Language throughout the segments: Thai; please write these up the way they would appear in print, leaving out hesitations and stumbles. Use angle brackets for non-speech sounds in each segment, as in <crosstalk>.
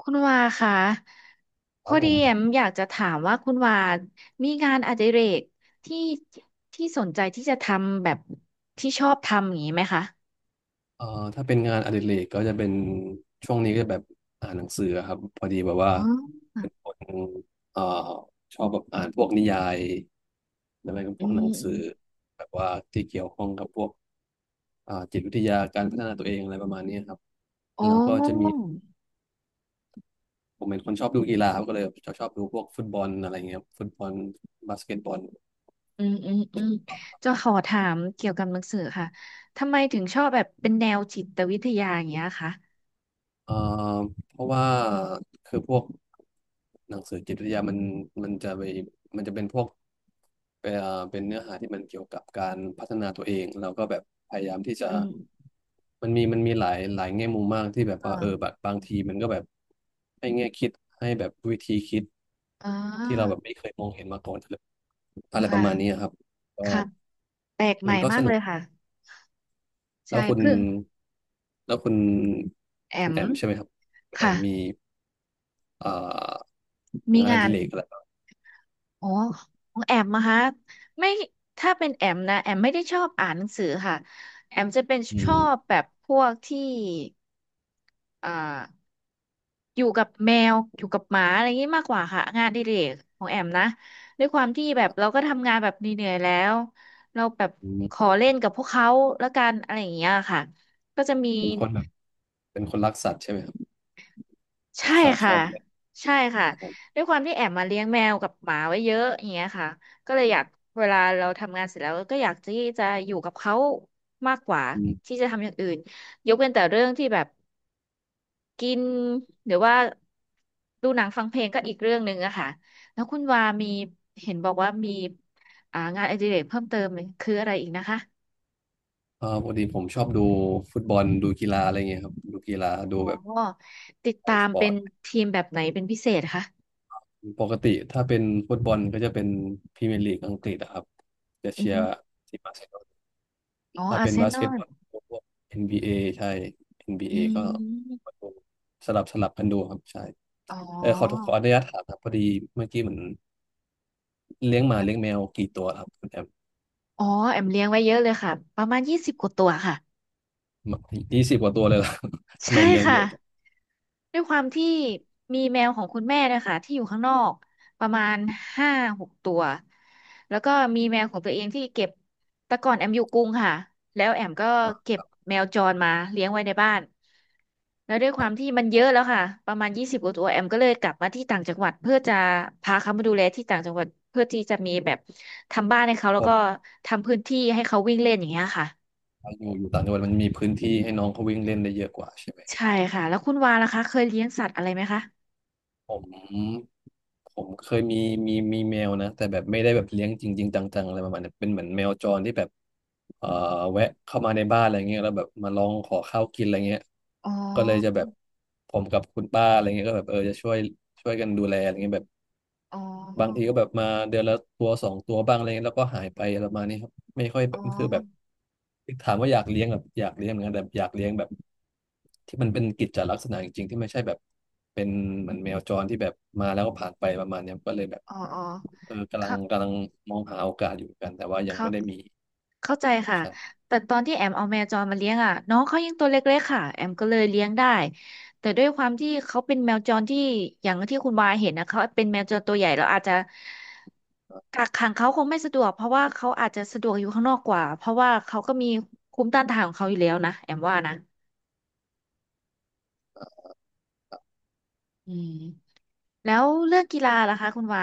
คุณวาคะพครัอบผดีมแอมอยากจะถามว่าคุณวามีงานอดิเรกที่สนใจที่จะทำแบบที่ชอบทำอย่างนี้ไหมคะเอ่อถ้าเป็นงานอดิเรกก็จะเป็นช่วงนี้ก็แบบอ่านหนังสือครับพอดีแบบว่าอ๋อเป็นคนเอ่อชอบแบบอ่านพวกนิยายแล้วก็อืพวกหนัมงอืมสือแบบว่าที่เกี่ยวข้องกับพวกจิตวิทยาการพัฒนาตัวเองอะไรประมาณนี้ครับโอ้แล้วก็จะมีผมเป็นคนชอบดูกีฬาครับก็เลยชอบดูพวกฟุตบอลอะไรเงี้ยครับฟุตบอลบาสเกตบอล อืมอืมอืมจะขอถามเกี่ยวกับหนังสือค่ะทำไมถึงชอบแบบเป็นแนวจิตวิทยาอย่างเงี้ยคะเอ่อเพราะว่าคือพวกหนังสือจิตวิทยามันจะไปมันจะเป็นพวกเอ่อเป็นเนื้อหาที่มันเกี่ยวกับการพัฒนาตัวเองเราก็แบบพยายามที่จะอืมมันมีหลายหลายแง่มุมมากที่แบบว่าเออแบอ่าบบางทีมันก็แบบให้แง่คิดให้แบบวิธีคิดอ่ที่เราแบาบไม่เคยมองเห็นมาก่อนเลยอะไรปค่ะระมาณนี้ครับก็ค่ะแปลกใหมัม่นก็มาสกเลนุกยค่ะใช่แล้วคุณเพื่อแล้วคุณแอคุณมแอมใช่ไหมครับคุณแอค่ะมมี เอ่อมีงานองาน ดิเรกอะไรบ้างอ๋อของแอมมาฮะไม่ถ้าเป็นแอมนะแอมไม่ได้ชอบอ่านหนังสือค่ะแอมจะเป็นอืชอมบแบบพวกที่อ่าอยู่กับแมวอยู่กับหมาอะไรอย่างนี้มากกว่าค่ะงานอดิเรกของแอมนะด้วยความที่แบบเราก็ทำงานแบบเหนื่อยๆแล้วเราแบบอืขมอเล่นกับพวกเขาแล้วกันอะไรอย่างเงี้ยค่ะก็จะมี เป็นคนแบบเป็นคนรักสัตว์ใช่ไหมครับรัใช่กสัตว์ชค่ะอบเลยใช่ค่ะครับผมด้วยความที่แอบมาเลี้ยงแมวกับหมาไว้เยอะอย่างเงี้ยค่ะก็เลยอยากเวลาเราทำงานเสร็จแล้วก็อยากที่จะอยู่กับเขามากกว่าอืมที่จะทำอย่างอื่นยกเว้นแต่เรื่องที่แบบกินหรือว่าดูหนังฟังเพลงก็อีกเรื่องหนึ่งอะค่ะแล้วคุณวามีเห็นบอกว่ามีงานอดิเรกเพิ่มเติมคืออะไรอีกนะคะปกติผมชอบดูฟุตบอลดูกีฬาอะไรเงี้ยครับดูกีฬาดูอ๋อแบบติดไอตาสมปอเป็ร์นตทีมแบบไหนเป็นพิเศษคะปกติถ้าเป็นฟุตบอลก็จะเป็นพรีเมียร์ลีกอังกฤษนะครับจะอืเชียร์มทีมบาร์เซโลนาอ๋อถ้าอาร์เป็นเซบานสอเกตบลอลพวก NBA ใช่เอ็นบีอืเอก็ม ดูสลับกันดูครับใช่อ๋เออขออ ขออนุญาตถามครับพอดีเมื่อกี้เหมือนเลี้ยงหมาเลี้ยงแมวกี่ตัวครับคุณแอม อ๋อ แอมเลี้ยงไว้เยอะเลยค่ะ ประมาณยี่สิบกว่าตัวค่ะ 20กว่าตัวเลยล่ะ <laughs> ทำไมใช่เลี้ยงค่ะ เยอะจังด้วยความที่มีแมวของคุณแม่เนะคะที่อยู่ข้างนอกประมาณห้าหกตัวแล้วก็มีแมวของตัวเองที่เก็บแต่ก่อนแอมอยู่กรุงค่ะแล้วแอมก็อ่าเก็บแมวจรมาเลี้ยงไว้ในบ้านแล้วด้วยคควารัมบที่มันเยอะแล้วค่ะประมาณยี่สิบกว่าตัวแอมก็เลยกลับมาที่ต่างจังหวัดเพื่อจะพาเขามาดูแลที่ต่างจังหวัดเพื่อที่จะมีแบบทำบ้านให้เขาแล้ผวก็มทำพื้นที่ให้เขาวิ่งเล่นอย่างเงี้ยค่ะเพวกอยู่ต่างจังหวัดมันมีพื้นที่ให้น้องเขาวิ่งเล่นได้เยอะกว่าใช่ไหมใช่ค่ะแล้วคุณวาล่ะคะเคยเลี้ยงสัตว์อะไรไหมคะผมผมเคยมีแมวนะแต่แบบไม่ได้แบบเลี้ยงจริงๆจังๆอะไรประมาณเนี้ยเป็นเหมือนแมวจรที่แบบเอ่อแวะเข้ามาในบ้านอะไรเงี้ยแล้วแบบมาลองขอข้าวกินอะไรเงี้ยอ๋ก็เลยจะแบอบผมกับคุณป้าอะไรเงี้ยก็แบบเออจะช่วยกันดูแลอะไรเงี้ยแบบ อ๋อ บางทีก็แบบมาเดือนละตัวสองตัวบ้างอะไรเงี้ยแล้วก็หายไปอะไรประมาณนี้ครับไม่ค่อยแบอ๋อบคือแบบถามว่าอยากเลี้ยงแบบอยากเลี้ยงเหมือนกันแต่อยากเลี้ยงแบบที่มันเป็นกิจจลักษณะจริงๆที่ไม่ใช่แบบเป็นเหมือนแมวจรที่แบบมาแล้วก็ผ่านไปประมาณเนี้ยก็เลยแบบอ๋ออ๋อเออกำลังเขากำลังมองหาโอกาสอยู่เหมือนกันแต่ว่ายังเข้าไม่ได้มีเข้าใจค่ะ ใช่แต่ตอนที่แอมเอาแมวจรมาเลี้ยงอ่ะน้องเขายังตัวเล็กๆค่ะแอมก็เลยเลี้ยงได้แต่ด้วยความที่เขาเป็นแมวจรที่อย่างที่คุณวาเห็นนะเขาเป็นแมวจรตัวใหญ่เราอาจจะกักขังเขาคงไม่สะดวกเพราะว่าเขาอาจจะสะดวกอยู่ข้างนอกกว่าเพราะว่าเขาก็มีภูมิต้านทานของเขาอยู่แล้วนะแอมว่านะอืม แล้วเรื่องกีฬาล่ะคะคุณวา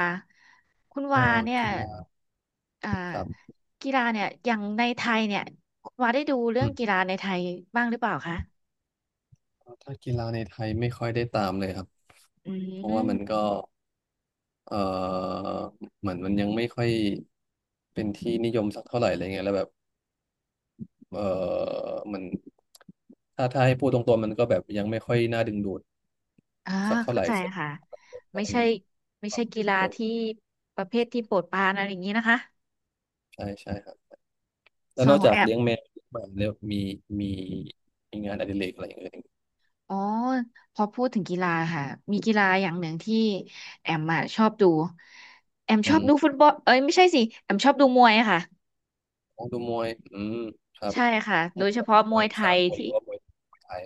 คุณเอวาอเนี่ยกีฬาอ่าครับกีฬาเนี่ยอย่างในไทยเนี่ยคุณวาได้ดูเรื่ออืงมกีฬาในไทยบ้างหรือเปล่าคะถ้ากีฬาในไทยไม่ค่อยได้ตามเลยครับอืเพราะว่ามันมก็ เอ่อเหมือนมันยังไม่ค่อยเป็นที่นิยมสักเท่าไหร่อะไรเงี้ยแล้วแบบเอ่อมันถ้าให้พูดตรงๆมันก็แบบยังไม่ค่อยน่าดึงดูดอ่าสักเท่าไหเข้าร่ใจสักค่ะเพไม่ราะมันใช่ไม่ควาใช่มกีเข้มฬาข้นที่ประเภทที่โปรดปรานอะไรอย่างนี้นะคะใช่ใช่ครับแล้วส่นวนอกขอจางกแอมเลี้ยงแมวเลี้ยงหมาแล้วมีมีมีงานอดิเรกอะไรอย่างอื่นอีกอ๋อพอพูดถึงกีฬาค่ะมีกีฬาอย่างหนึ่งที่แอมอะชอบดูแอมอืชอบดูฟุตมบอลเอ้ยไม่ใช่สิแอมชอบดูมวยอะค่ะของดูมวยอืมครับใช่ค่ะมโดวยยเฉแบบพาะมมววยยไทสายกลหที่ รือว่ามวยไทย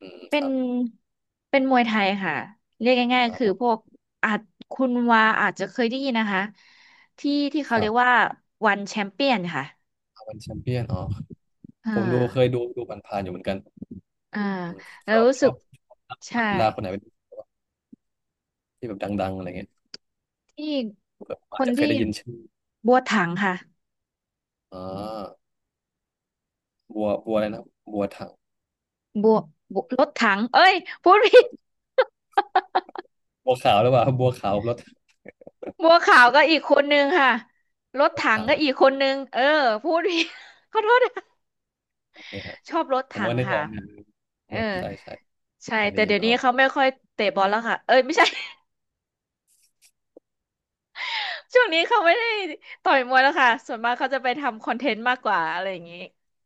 อืมเป็คนรับเป็นมวยไทยค่ะเรียกง่ายอ่าๆคืมอวพวยกอาจคุณวาอาจจะเคยได้ยินนะคะที่คเขารัเรียบกว่าวันแชมเปี้ยนค่ะอาวันแชมเปี้ยนอ๋ออ่าผมดูเคยดูผ่านๆอยู่เหมือนกัน อ่าอืมแล้ชวอบรู้ชสึอกบนัใช่กกีฬาคนไหนเป็นที่แบบดังๆอะไรเงี้ยที่แบบคอาจนจะเคยที่ได้ยินชื่อบัวถังค่ะอ่าบัวอะไรนะ บัวถังบัวรถถังเอ้ยพูดผิด <laughs> บัวขาวหรือเปล่าบัวขาวรถบัวขาวก็อีกคนนึงค่ะรถรถถังถังก็อีกคนนึงเออพูดผิด <laughs> ขอโทษนะโอเคฮะชอบรถผมถัก็งนึกอค่ะ อกนะเอบัอวใช่ใช่ใช่เคยแต่ได้ยิเดี๋นยวอ๋นี้อเขาไม่ค่อยเตะบอลแล้วค่ะเอ้ยไม่ใช่ <laughs> ช่วงนี้เขาไม่ได้ต่อยมวยแล้วค่ะส่วนมากเขาจะไปทำคอนเทนต์มากกว่าอะไรอย่างนี้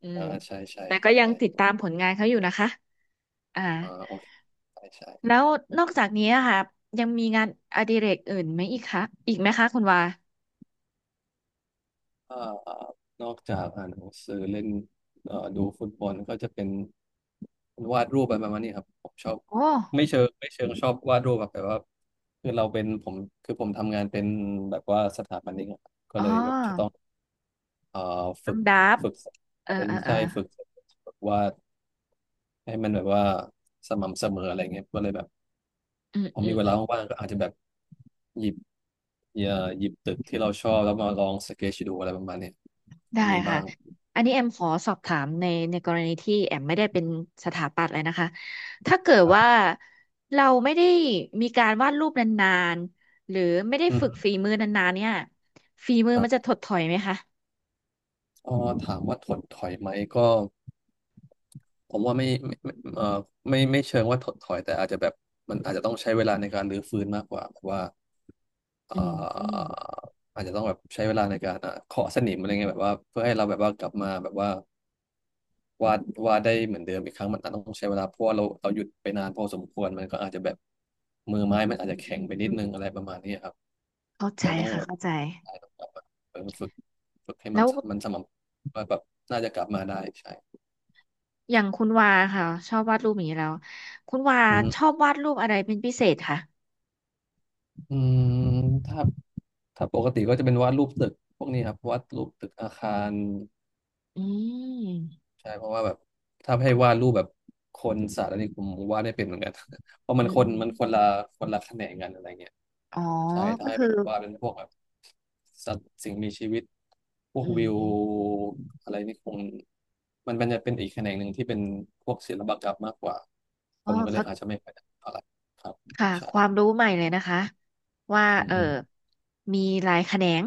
อืมอ่าใช่ใช่แต่ก็ยังติดใช่ตามผลงานเขาอยู่นะคะอ่าอ่าโอเคใช่แล้ใช่ วนอกจากนี้อะค่ะยังมีงานอดิเรกอื่นไหมอีกคะอีกไหมคะคุณวาเอ่อนอกจากอ่านหนังสือเล่นดูฟุตบอลก็จะเป็นวาดรูปอะไรประมาณนี้ครับผมชอบโอ้ไม่เชิงชอบวาดรูปแบบแต่ว่าคือเราเป็นผมคือผมทำงานเป็นแบบว่าสถาปนิกอะครับก็อ๋อเลยแบบจะต้องเอ่อต้ฝึองกดับฝึกเอออะไรเออเออใช่ฝึกวาดให้มันแบบว่าสม่ำเสมออะไรเงี้ยก็เลยแบบอืมพออืมีม เวลาว่างๆก็อาจจะแบบหยิบเอ่อหยิบตึกที่เราชอบแล้วมาลองสเก c h ดูอะไรประมาณเนี้ยได้ก็มีบ้าค่ะ ง อันนี้แอมขอสอบถามในในกรณีที่แอมไม่ได้เป็นสถาปัตย์เลยนะคะ ถ้าเกิดว่าเราไม่ได้มีการวาดรูปนานๆ หรือไม่ได้อืฝึกมฝีมือนานๆเนี่ยฝีมือครัมันจะบถดถอยไหมคะเอ๋อถามว่าถดถอยไหมก็ผมว่าไม่ไม่ไม่ไม่เชิงว่าถดถอยแต่อาจจะแบบมันอาจจะต้องใช้เวลาในการรื้อฟื้นมากกว่าแบบว่าอืเอ่มอืมออาจจะต้องแบบใช้เวลาในการเคาะสนิมอะไรเงี้ยแบบว่าเพื่อให้เราแบบว่ากลับมาแบบว่า วาดวาดได้เหมือนเดิมอีกครั้งมันอาจต้องใช้เวลาเพราะว่าเราหยุดไปนานพอสมควรมันก็อาจจะแบบมือไม้อืมันมอาจอืจะมแข็อืงมไปนิดนึอืงมอะไรประมาณนี้ครับเข้าใจเราต้องค่ะแบบเข้าใจ อาจจะต้องกลับมาเออฝึกฝึกให้มัแล้นวมันสม่ำว่าแบบน่าจะกลับมาได้ใช่อย่างคุณวาค่ะชอบวาดรูปอย่างนี้แล้ว คุณวาอือฮึชอบวาดรูปอะไรเป็นพิเศษคะอืมถ้าถ้าปกติก็จะเป็นวาดรูปตึกพวกนี้ครับวาดรูปตึกอาคาร อืมใช่เพราะว่าแบบถ้าให้วาดรูปแบบคนสัตว์อะไรผมวาดไม่เป็นเหมือนกัน <laughs> เพราะอืมันคนมันคนมละคนละแขนงกันอะไรเงี้ยอ๋อใช่ถ้าก็ให้คือแบบวาดเป็นพวกแบบสัตว์สิ่งมีชีวิตพวอืกวิวมอะไรนี่คงมันเป็นจะเป็นอีกแขนงหนึ่งที่เป็นพวกศิลปกรรมมากกว่าผก็มก็เลเขา ยอาจจะไม่ค่อยได้เท่าไหร่ครับค่ะความใช่รู้ใหม่เลยนะคะว่าอืมเอออืมมีหลายแขนง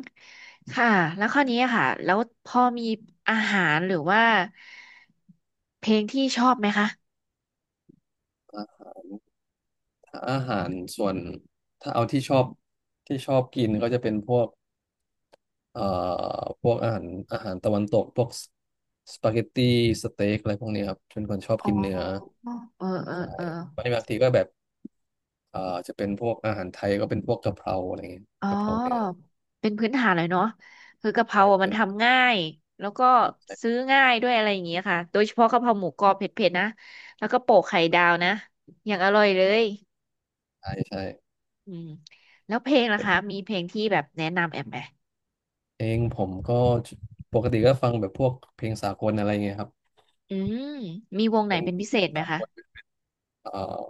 ค่ะแล้วข้อนี้ค่ะแล้วพอมีอาหารหรือว่าเพลงที่ชอบไหมคะอ่ะถ้าอาหารส่วนถ้าเอาที่ชอบที่ชอบกินก็จะเป็นพวก เอ่อพวกอาหารอาหารตะวันตกพวกสปาเกตตี้สเต็กอะไรพวกนี้ครับเป็นคนชอบอ๋อกินเนื้อเออเออใช่เออบางทีก็แบบเอ่อจะเป็นพวกอาหารไทยก็เป็นพวกกะเพราอะไรเงี้ยอ๋อกะเพราเนื้อเป็นพื้นฐานเลยเนาะคือกะเพราใช่อะมัเป็นนทำง่ายแล้วก็ใช่ซื้อง่ายด้วยอะไรอย่างเงี้ยค่ะโดยเฉพาะกะเพราหมูกรอบเผ็ดๆนะแล้วก็โปะไข่ดาวนะอย่างอร่อยเลยใช่ใช่อืมแล้วเพลงล่ะคะมีเพลงที่แบบแนะนำแอมไหม เองผมก็ปกติก็ฟังแบบพวกเพลงสากลอะไรเงี้ยครับอืมมีวงไหนเป็นเป็นพิเศเพลงษไหมสาคะกลเอ่อ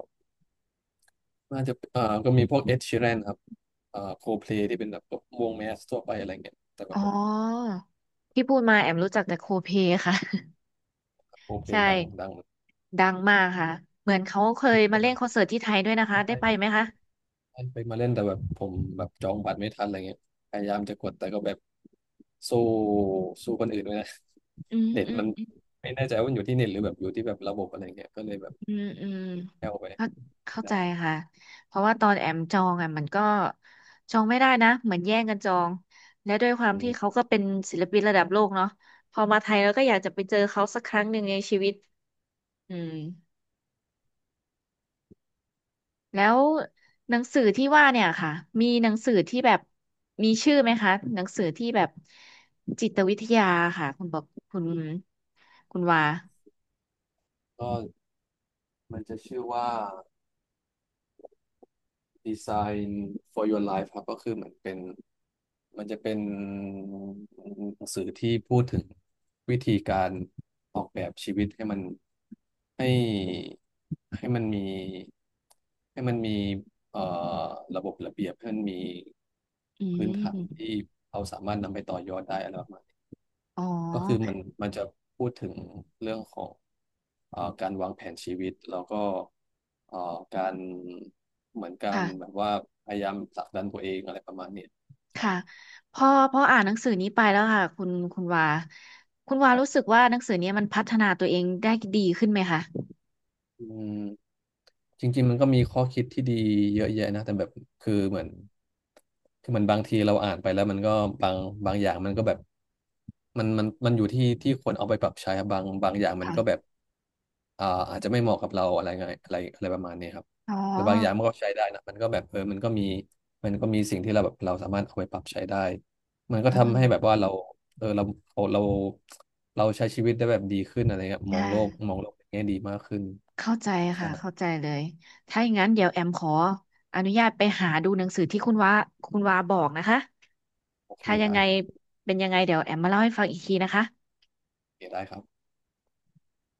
น่าจะก็มีพวกเอ็ดชีแรนครับโคเพลที่เป็นแบบวงแมสทั่วไปอะไรเงี้ยแต่อ๋แบบอที่พูดมาแอมรู้จักแต่โคเพค่ะ โค <laughs> เพลใช่ดังดังเหมือนกัดังมากค่ะเหมือนเขาเคยมาเล่นคอนเสิร์ตที่ไทยด้วยนะคะนได้ใช่ ไปไหมคะไปมาเล่นแต่แบบผมแบบจองบัตรไม่ทันอะไรเงี้ยพยายามจะกดแต่ก็แบบสู้สู้คนอื่นไม่ได้ อืม <laughs> เน็ตอืมันมไม่แน่ใจว่ามันอยู่ที่เน็ตหรือแบบอยู่ที่แบบระบบอะไรเงี้ยก็เลยแบบอืมอืมแอวไปเข้าไม่เข้าใจได้ค่ะเพราะว่าตอนแอมจองอ่ะมันก็จองไม่ได้นะเหมือนแย่งกันจองและด้วยความอืที่เขามก็เป็นศิลปินระดับโลกเนาะพอมาไทยแล้วก็อยากจะไปเจอเขาสักครั้งหนึ่งในชีวิตอืม แล้วหนังสือที่ว่าเนี่ยค่ะมีหนังสือที่แบบมีชื่อไหมคะหนังสือที่แบบจิตวิทยาค่ะคุณบอกคุณคุณวาก็มันจะชื่อว่า Design for Your Life ครับก็คือเหมือนเป็น มันจะเป็นหนังสือที่พูดถึงวิธีการออกแบบชีวิตให้มันให้ให้มันมีให้มันมีเอ่อระบบระเบียบให้มันมีอืพื้นฐานมที่เราสามารถนำไปต่อยอดได้อะไรประมาณนี้อ๋อก็คือมันมันจะพูดถึงเรื่องของการวางแผนชีวิตแล้วก็เอ่อการเหมือนการค่ะแบบว่าพยายามผลักดันตัวเองอะไรประมาณเนี้ยครับ ค่ะพอพออ่านหนังสือนี้ไปแล้วค่ะคุณวาคุณวารู้สึกว่าหนังสือเนี้มันพัฒนาตัวเองได้ดีขึ้นไหมคะอืมจริงๆมันก็มีข้อคิดที่ดีเยอะแยะนะแต่แบบคือเหมือนคือมันบางทีเราอ่านไปแล้วมันก็บางบางอย่างมันก็แบบมันอยู่ที่ที่คนเอาไปปรับใช้ครับบางอย่างมันค่ะก็แบบอาจจะไม่เหมาะกับเราอะไรเงี้ยอะไรอะไรประมาณนี้ครับอ๋อแต่บางอย่างมันก็ใช้ได้นะมันก็แบบเออมันก็มีมันก็มีสิ่งที่เราแบบเราสามารถเอาไปปรับใช้ได้มันก็อืทำให้แบบว่ามเราเออเราเราเราใช้ชีวิตได้แบบดีขึ้นอะไรเงี้ยมองค่ะ โลกมองโลกในแง่ดีมากขึ้นเข้าใจใช่ ค่ะเข้าใจเลยถ้าอย่างนั้นเดี๋ยวแอมขออนุญาตไปหาดูหนังสือที่คุณว่าคุณว่าบอกนะคะโอเคถ้ายังได้ไงเป็นยังไงเดี๋ยวแอมมาเล่าให้ฟังอีกทีนะคะโอเคได้ครับ